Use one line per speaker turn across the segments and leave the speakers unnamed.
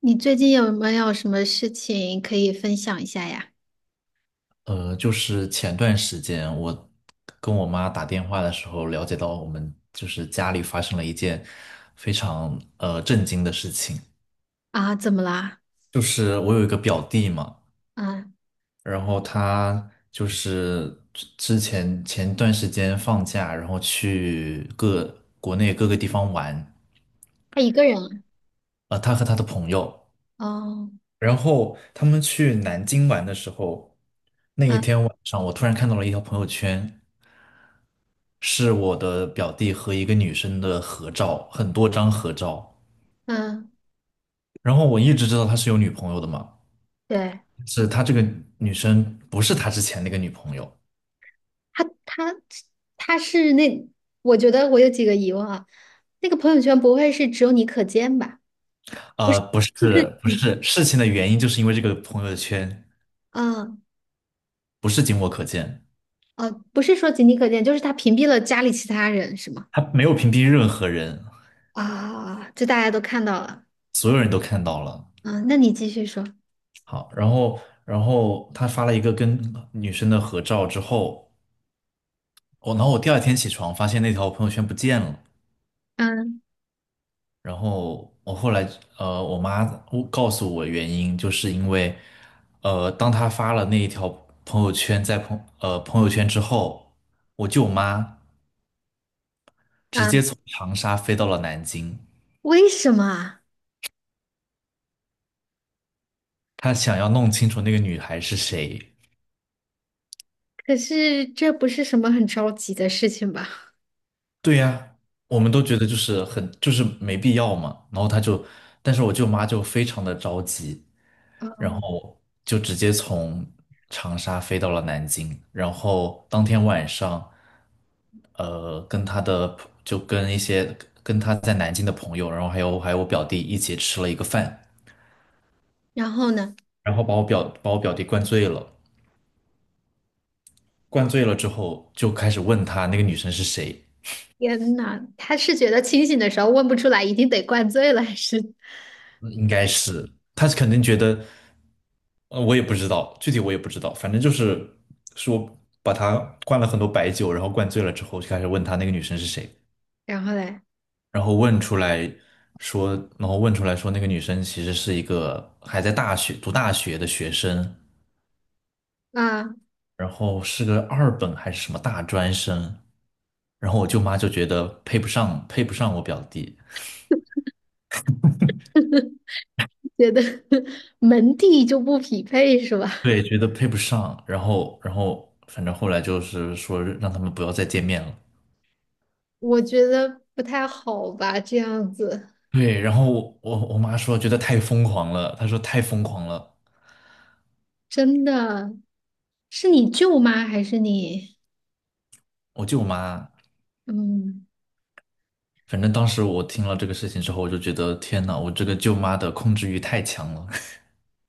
你最近有没有什么事情可以分享一下呀？
就是前段时间我跟我妈打电话的时候，了解到我们就是家里发生了一件非常震惊的事情，
啊，怎么啦？
就是我有一个表弟嘛。
啊，
然后他就是之前前段时间放假，然后去国内各个地方玩，
他一个人
他和他的朋友。
啊哦，
然后他们去南京玩的时候，那一
嗯
天晚上，我突然看到了一条朋友圈，是我的表弟和一个女生的合照，很多张合照。
嗯，
然后我一直知道他是有女朋友的嘛，
对，
是他这个女生不是他之前那个女朋友。
他他他是那，我觉得我有几个疑问啊。那个朋友圈不会是只有你可见吧？不是，
不是
就是
不
你，
是，事情的原因就是因为这个朋友圈
嗯
不是仅我可见，
哦，不是说仅你可见，就是他屏蔽了家里其他人是吗？
他没有屏蔽任何人，
啊，就大家都看到了。
所有人都看到了。
嗯，那你继续说。
好。然后他发了一个跟女生的合照之后，然后我第二天起床发现那条朋友圈不见了。
嗯
然后我后来我妈我告诉我原因，就是因为当他发了那一条朋友圈朋友圈之后，我舅妈直接
嗯，
从长沙飞到了南京，
为什么啊？
她想要弄清楚那个女孩是谁。
可是这不是什么很着急的事情吧？
对呀，我们都觉得就是很就是没必要嘛。然后他就，但是我舅妈就非常的着急，然
嗯
后就直接从长沙飞到了南京。然后当天晚上，跟他的朋就跟一些跟他在南京的朋友，然后还有我表弟一起吃了一个饭，
然后呢？
然后把我表弟灌醉了，灌醉了之后就开始问他那个女生是谁。
天呐，他是觉得清醒的时候问不出来，一定得灌醉了，还是？
嗯应该是他肯定觉得，我也不知道，具体我也不知道，反正就是说把他灌了很多白酒，然后灌醉了之后，就开始问他那个女生是谁。
然后嘞，
然后问出来说，那个女生其实是一个还在读大学的学生，
啊，
然后是个二本还是什么大专生。然后我舅妈就觉得配不上，配不上我表弟。
觉得 门第就不匹配是吧？
对，觉得配不上。然后，反正后来就是说让他们不要再见面了。
我觉得不太好吧，这样子
对，然后我妈说觉得太疯狂了，她说太疯狂了。
真的是你舅妈还是你？
我舅妈，
嗯，
反正当时我听了这个事情之后，我就觉得天呐，我这个舅妈的控制欲太强了。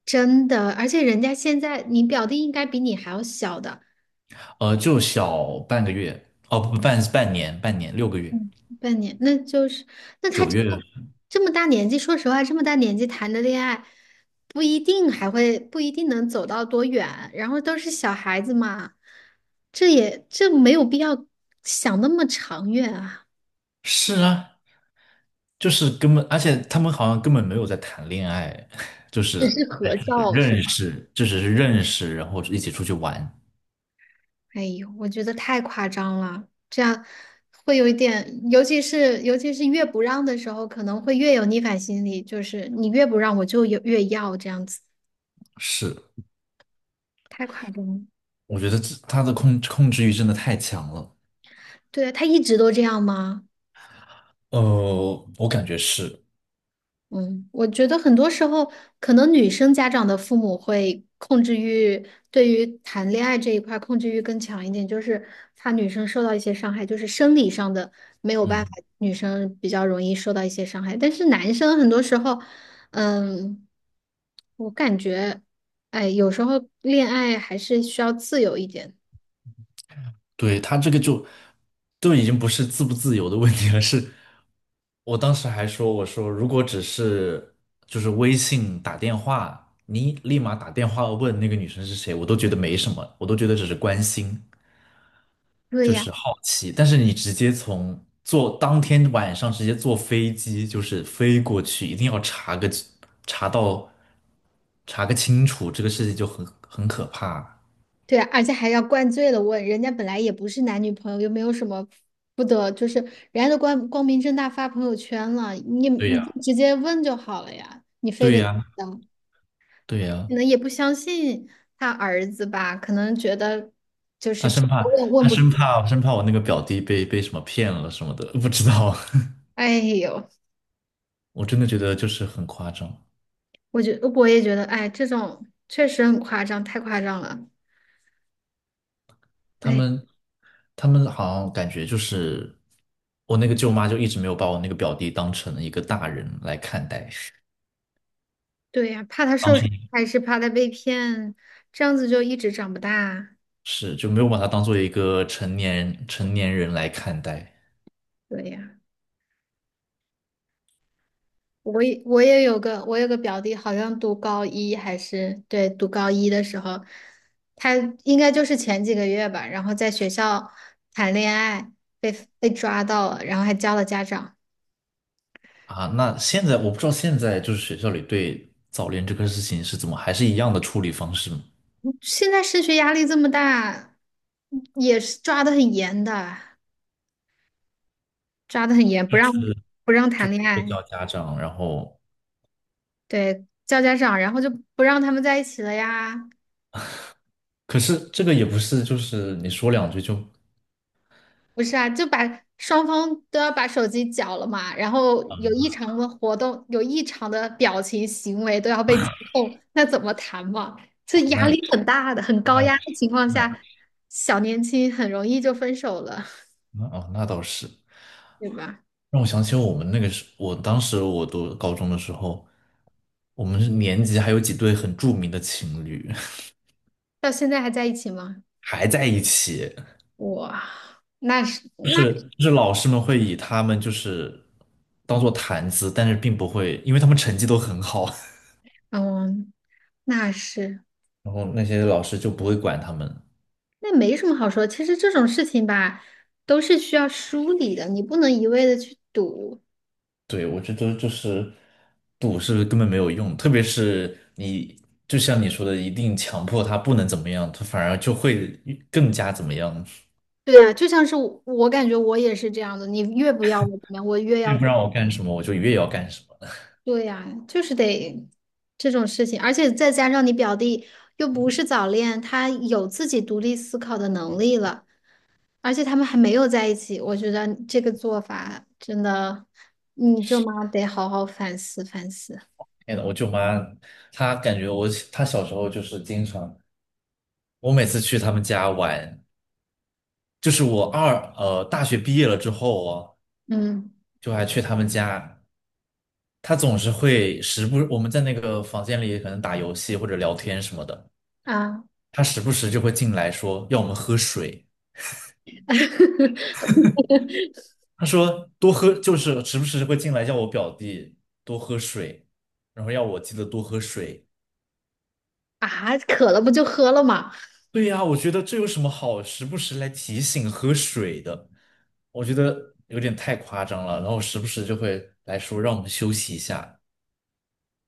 真的，而且人家现在你表弟应该比你还要小的，
就小半个月，哦不，半年，半年六个月，
嗯，半年，那就是，那他
九
这
月。
么这么大年纪，说实话，这么大年纪谈的恋爱，不一定还会，不一定能走到多远。然后都是小孩子嘛，这没有必要想那么长远啊，
是啊，就是根本，而且他们好像根本没有在谈恋爱。就是
只是
哎，
合照是
认
吧？
识，就只是认识，然后一起出去玩。
哎呦，我觉得太夸张了，这样会有一点，尤其是越不让的时候，可能会越有逆反心理，就是你越不让，我就有越要这样子，
是，
太夸张了。
我觉得这他的控制欲真的太强了。
对，啊，他一直都这样吗？
我感觉是。
嗯，我觉得很多时候，可能女生家长的父母会控制欲，对于谈恋爱这一块儿控制欲更强一点，就是怕女生受到一些伤害，就是生理上的没有办法，
嗯，
女生比较容易受到一些伤害。但是男生很多时候，嗯，我感觉，哎，有时候恋爱还是需要自由一点。
对，他这个就已经不是自不自由的问题了，是我当时还说，我说如果只是就是微信打电话，你立马打电话问那个女生是谁，我都觉得没什么，我都觉得只是关心，
对
就是
呀。
好奇。但是你直接当天晚上直接坐飞机，就是飞过去，一定要查到查个清楚，这个事情就很可怕。
对啊，而且还要灌醉了问，人家本来也不是男女朋友，又没有什么不得，就是人家都光光明正大发朋友圈了，你
对
你
呀，
直接问就好了呀，你非
对
得
呀，
等，
对呀。
可能也不相信他儿子吧，可能觉得就是
他
直接
生怕
问
他
问不出
生
来。
怕生怕我那个表弟被什么骗了什么的，不知道。
哎呦，
我真的觉得就是很夸张。
我也觉得，哎，这种确实很夸张，太夸张了。
他
哎，
们他们好像感觉就是我那个舅妈就一直没有把我那个表弟当成一个大人来看待，
对呀，怕他
当
受伤，
成
还是怕他被骗，这样子就一直长不大。
是就没有把他当做一个成年人来看待。
对呀。我也我也有个我有个表弟，好像读高一还是对读高一的时候，他应该就是前几个月吧，然后在学校谈恋爱被被抓到了，然后还叫了家长。
啊。那现在我不知道现在就是学校里对早恋这个事情是怎么，还是一样的处理方式吗？
现在升学压力这么大，也是抓的很严的，抓的很严，不让谈恋
会
爱，
叫家长，然后
对，叫家长，然后就不让他们在一起了呀。
可是这个也不是就是你说两句就
不是啊，就把双方都要把手机缴了嘛，然后有异常的活动，有异常的表情行为都要被监控，那怎么谈嘛？这
哦，
压
那也
力
是，
很大的，很高
那也
压的
是，
情况
那也
下，
是，
小年轻很容易就分手了，
那哦，那倒是。
对吧？
让我想起我们那个时，我当时我读高中的时候，我们是年级还有几对很著名的情侣。
到现在还在一起吗？
还在一起，
哇，那是
就
那
是老师们会以他们就是当做谈资，但是并不会，因为他们成绩都很好。
嗯，那是
然后那些老师就不会管他们。
那没什么好说。其实这种事情吧，都是需要梳理的，你不能一味的去赌。
对，我觉得就是赌是根本没有用，特别是你就像你说的，一定强迫他不能怎么样，他反而就会更加怎么样。
对呀，就像是我，我感觉我也是这样的。你越不要我怎么样，我越
越
要
不
怎么。
让我干什么，我就越要干什么。
对呀，就是得这种事情，而且再加上你表弟又不是早恋，他有自己独立思考的能力了，而且他们还没有在一起，我觉得这个做法真的，你舅妈得好好反思反思。
天呐，我舅妈她感觉我，她小时候就是经常，我每次去他们家玩，就是大学毕业了之后哦，
嗯
就还去他们家，她总是会时不，我们在那个房间里可能打游戏或者聊天什么的。
啊
他时不时就会进来说要我们喝水，他说多喝，就是时不时就会进来叫我表弟多喝水，然后要我记得多喝水。
啊，渴了不就喝了吗？
对呀，我觉得这有什么好时不时来提醒喝水的？我觉得有点太夸张了。然后时不时就会来说让我们休息一下，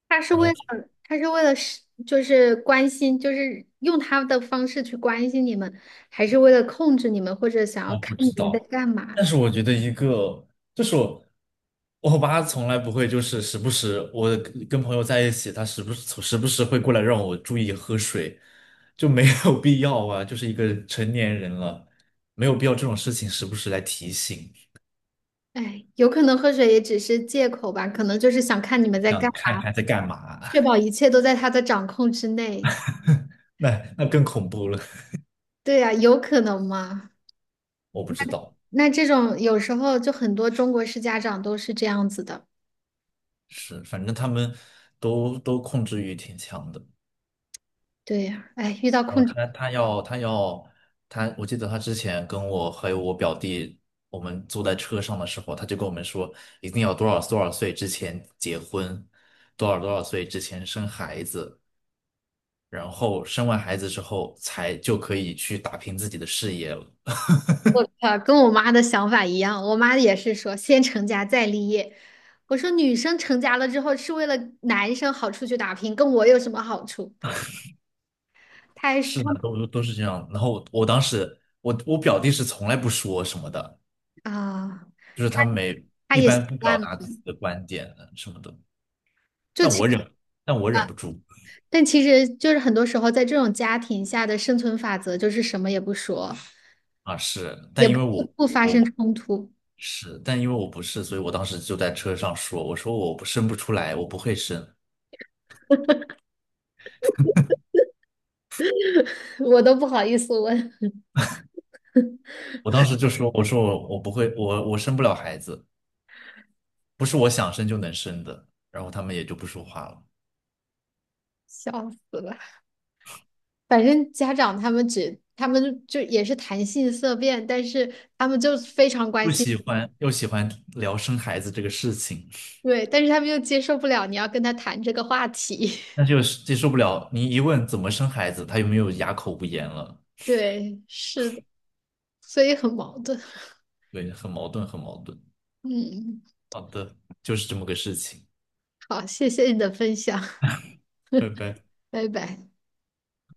他是
然
为
后。
了，他是为了是，就是关心，就是用他的方式去关心你们，还是为了控制你们，或者想要
我
看
不
你
知
们在
道。
干嘛？
但是我觉得一个就是我，我爸从来不会就是时不时我跟朋友在一起，他时不时会过来让我注意喝水，就没有必要啊，就是一个成年人了，没有必要这种事情时不时来提醒，
哎，有可能喝水也只是借口吧，可能就是想看你们在干
想看
嘛，
看在干嘛。
确保一切都在他的掌控之内。
那那更恐怖了。
对呀，有可能吗？
我不知道，
那这种有时候就很多中国式家长都是这样子的。
是反正他们都控制欲挺强的。
对呀，哎，遇到
然后
控制。
他他要他要他，我记得他之前跟我还有我表弟，我们坐在车上的时候，他就跟我们说，一定要多少多少岁之前结婚，多少多少岁之前生孩子，然后生完孩子之后才就可以去打拼自己的事业了。
我靠，跟我妈的想法一样，我妈也是说先成家再立业。我说女生成家了之后是为了男生好出去打拼，跟我有什么好处？她还是她
是的，都是这样。然后我当时我表弟是从来不说什么的，
啊，
就是他没
她
一
也习
般不表
惯了。
达自己的观点啊什么的，
就
但
其实，
我忍，但我忍不住。
但其实就是很多时候在这种家庭下的生存法则就是什么也不说，
啊，是，
也
但因
不
为
不发生
我
冲突，
是，但因为我不是，所以我当时就在车上说，我说我不生不出来，我不会生。
我都不好意思问，
我当时就说，我说我不会，我生不了孩子，不是我想生就能生的。然后他们也就不说话了。
笑死了。反正家长他们就也是谈性色变，但是他们就非常关
又
心。
喜欢聊生孩子这个事情，
对，但是他们又接受不了你要跟他谈这个话题。
但是又接受不了你一问怎么生孩子，他又没有哑口无言了。
对，是的，所以很矛盾。
对，很矛盾，很矛盾。
嗯，
好的，就是这么个事情，
好，谢谢你的分享，
拜拜。
拜拜。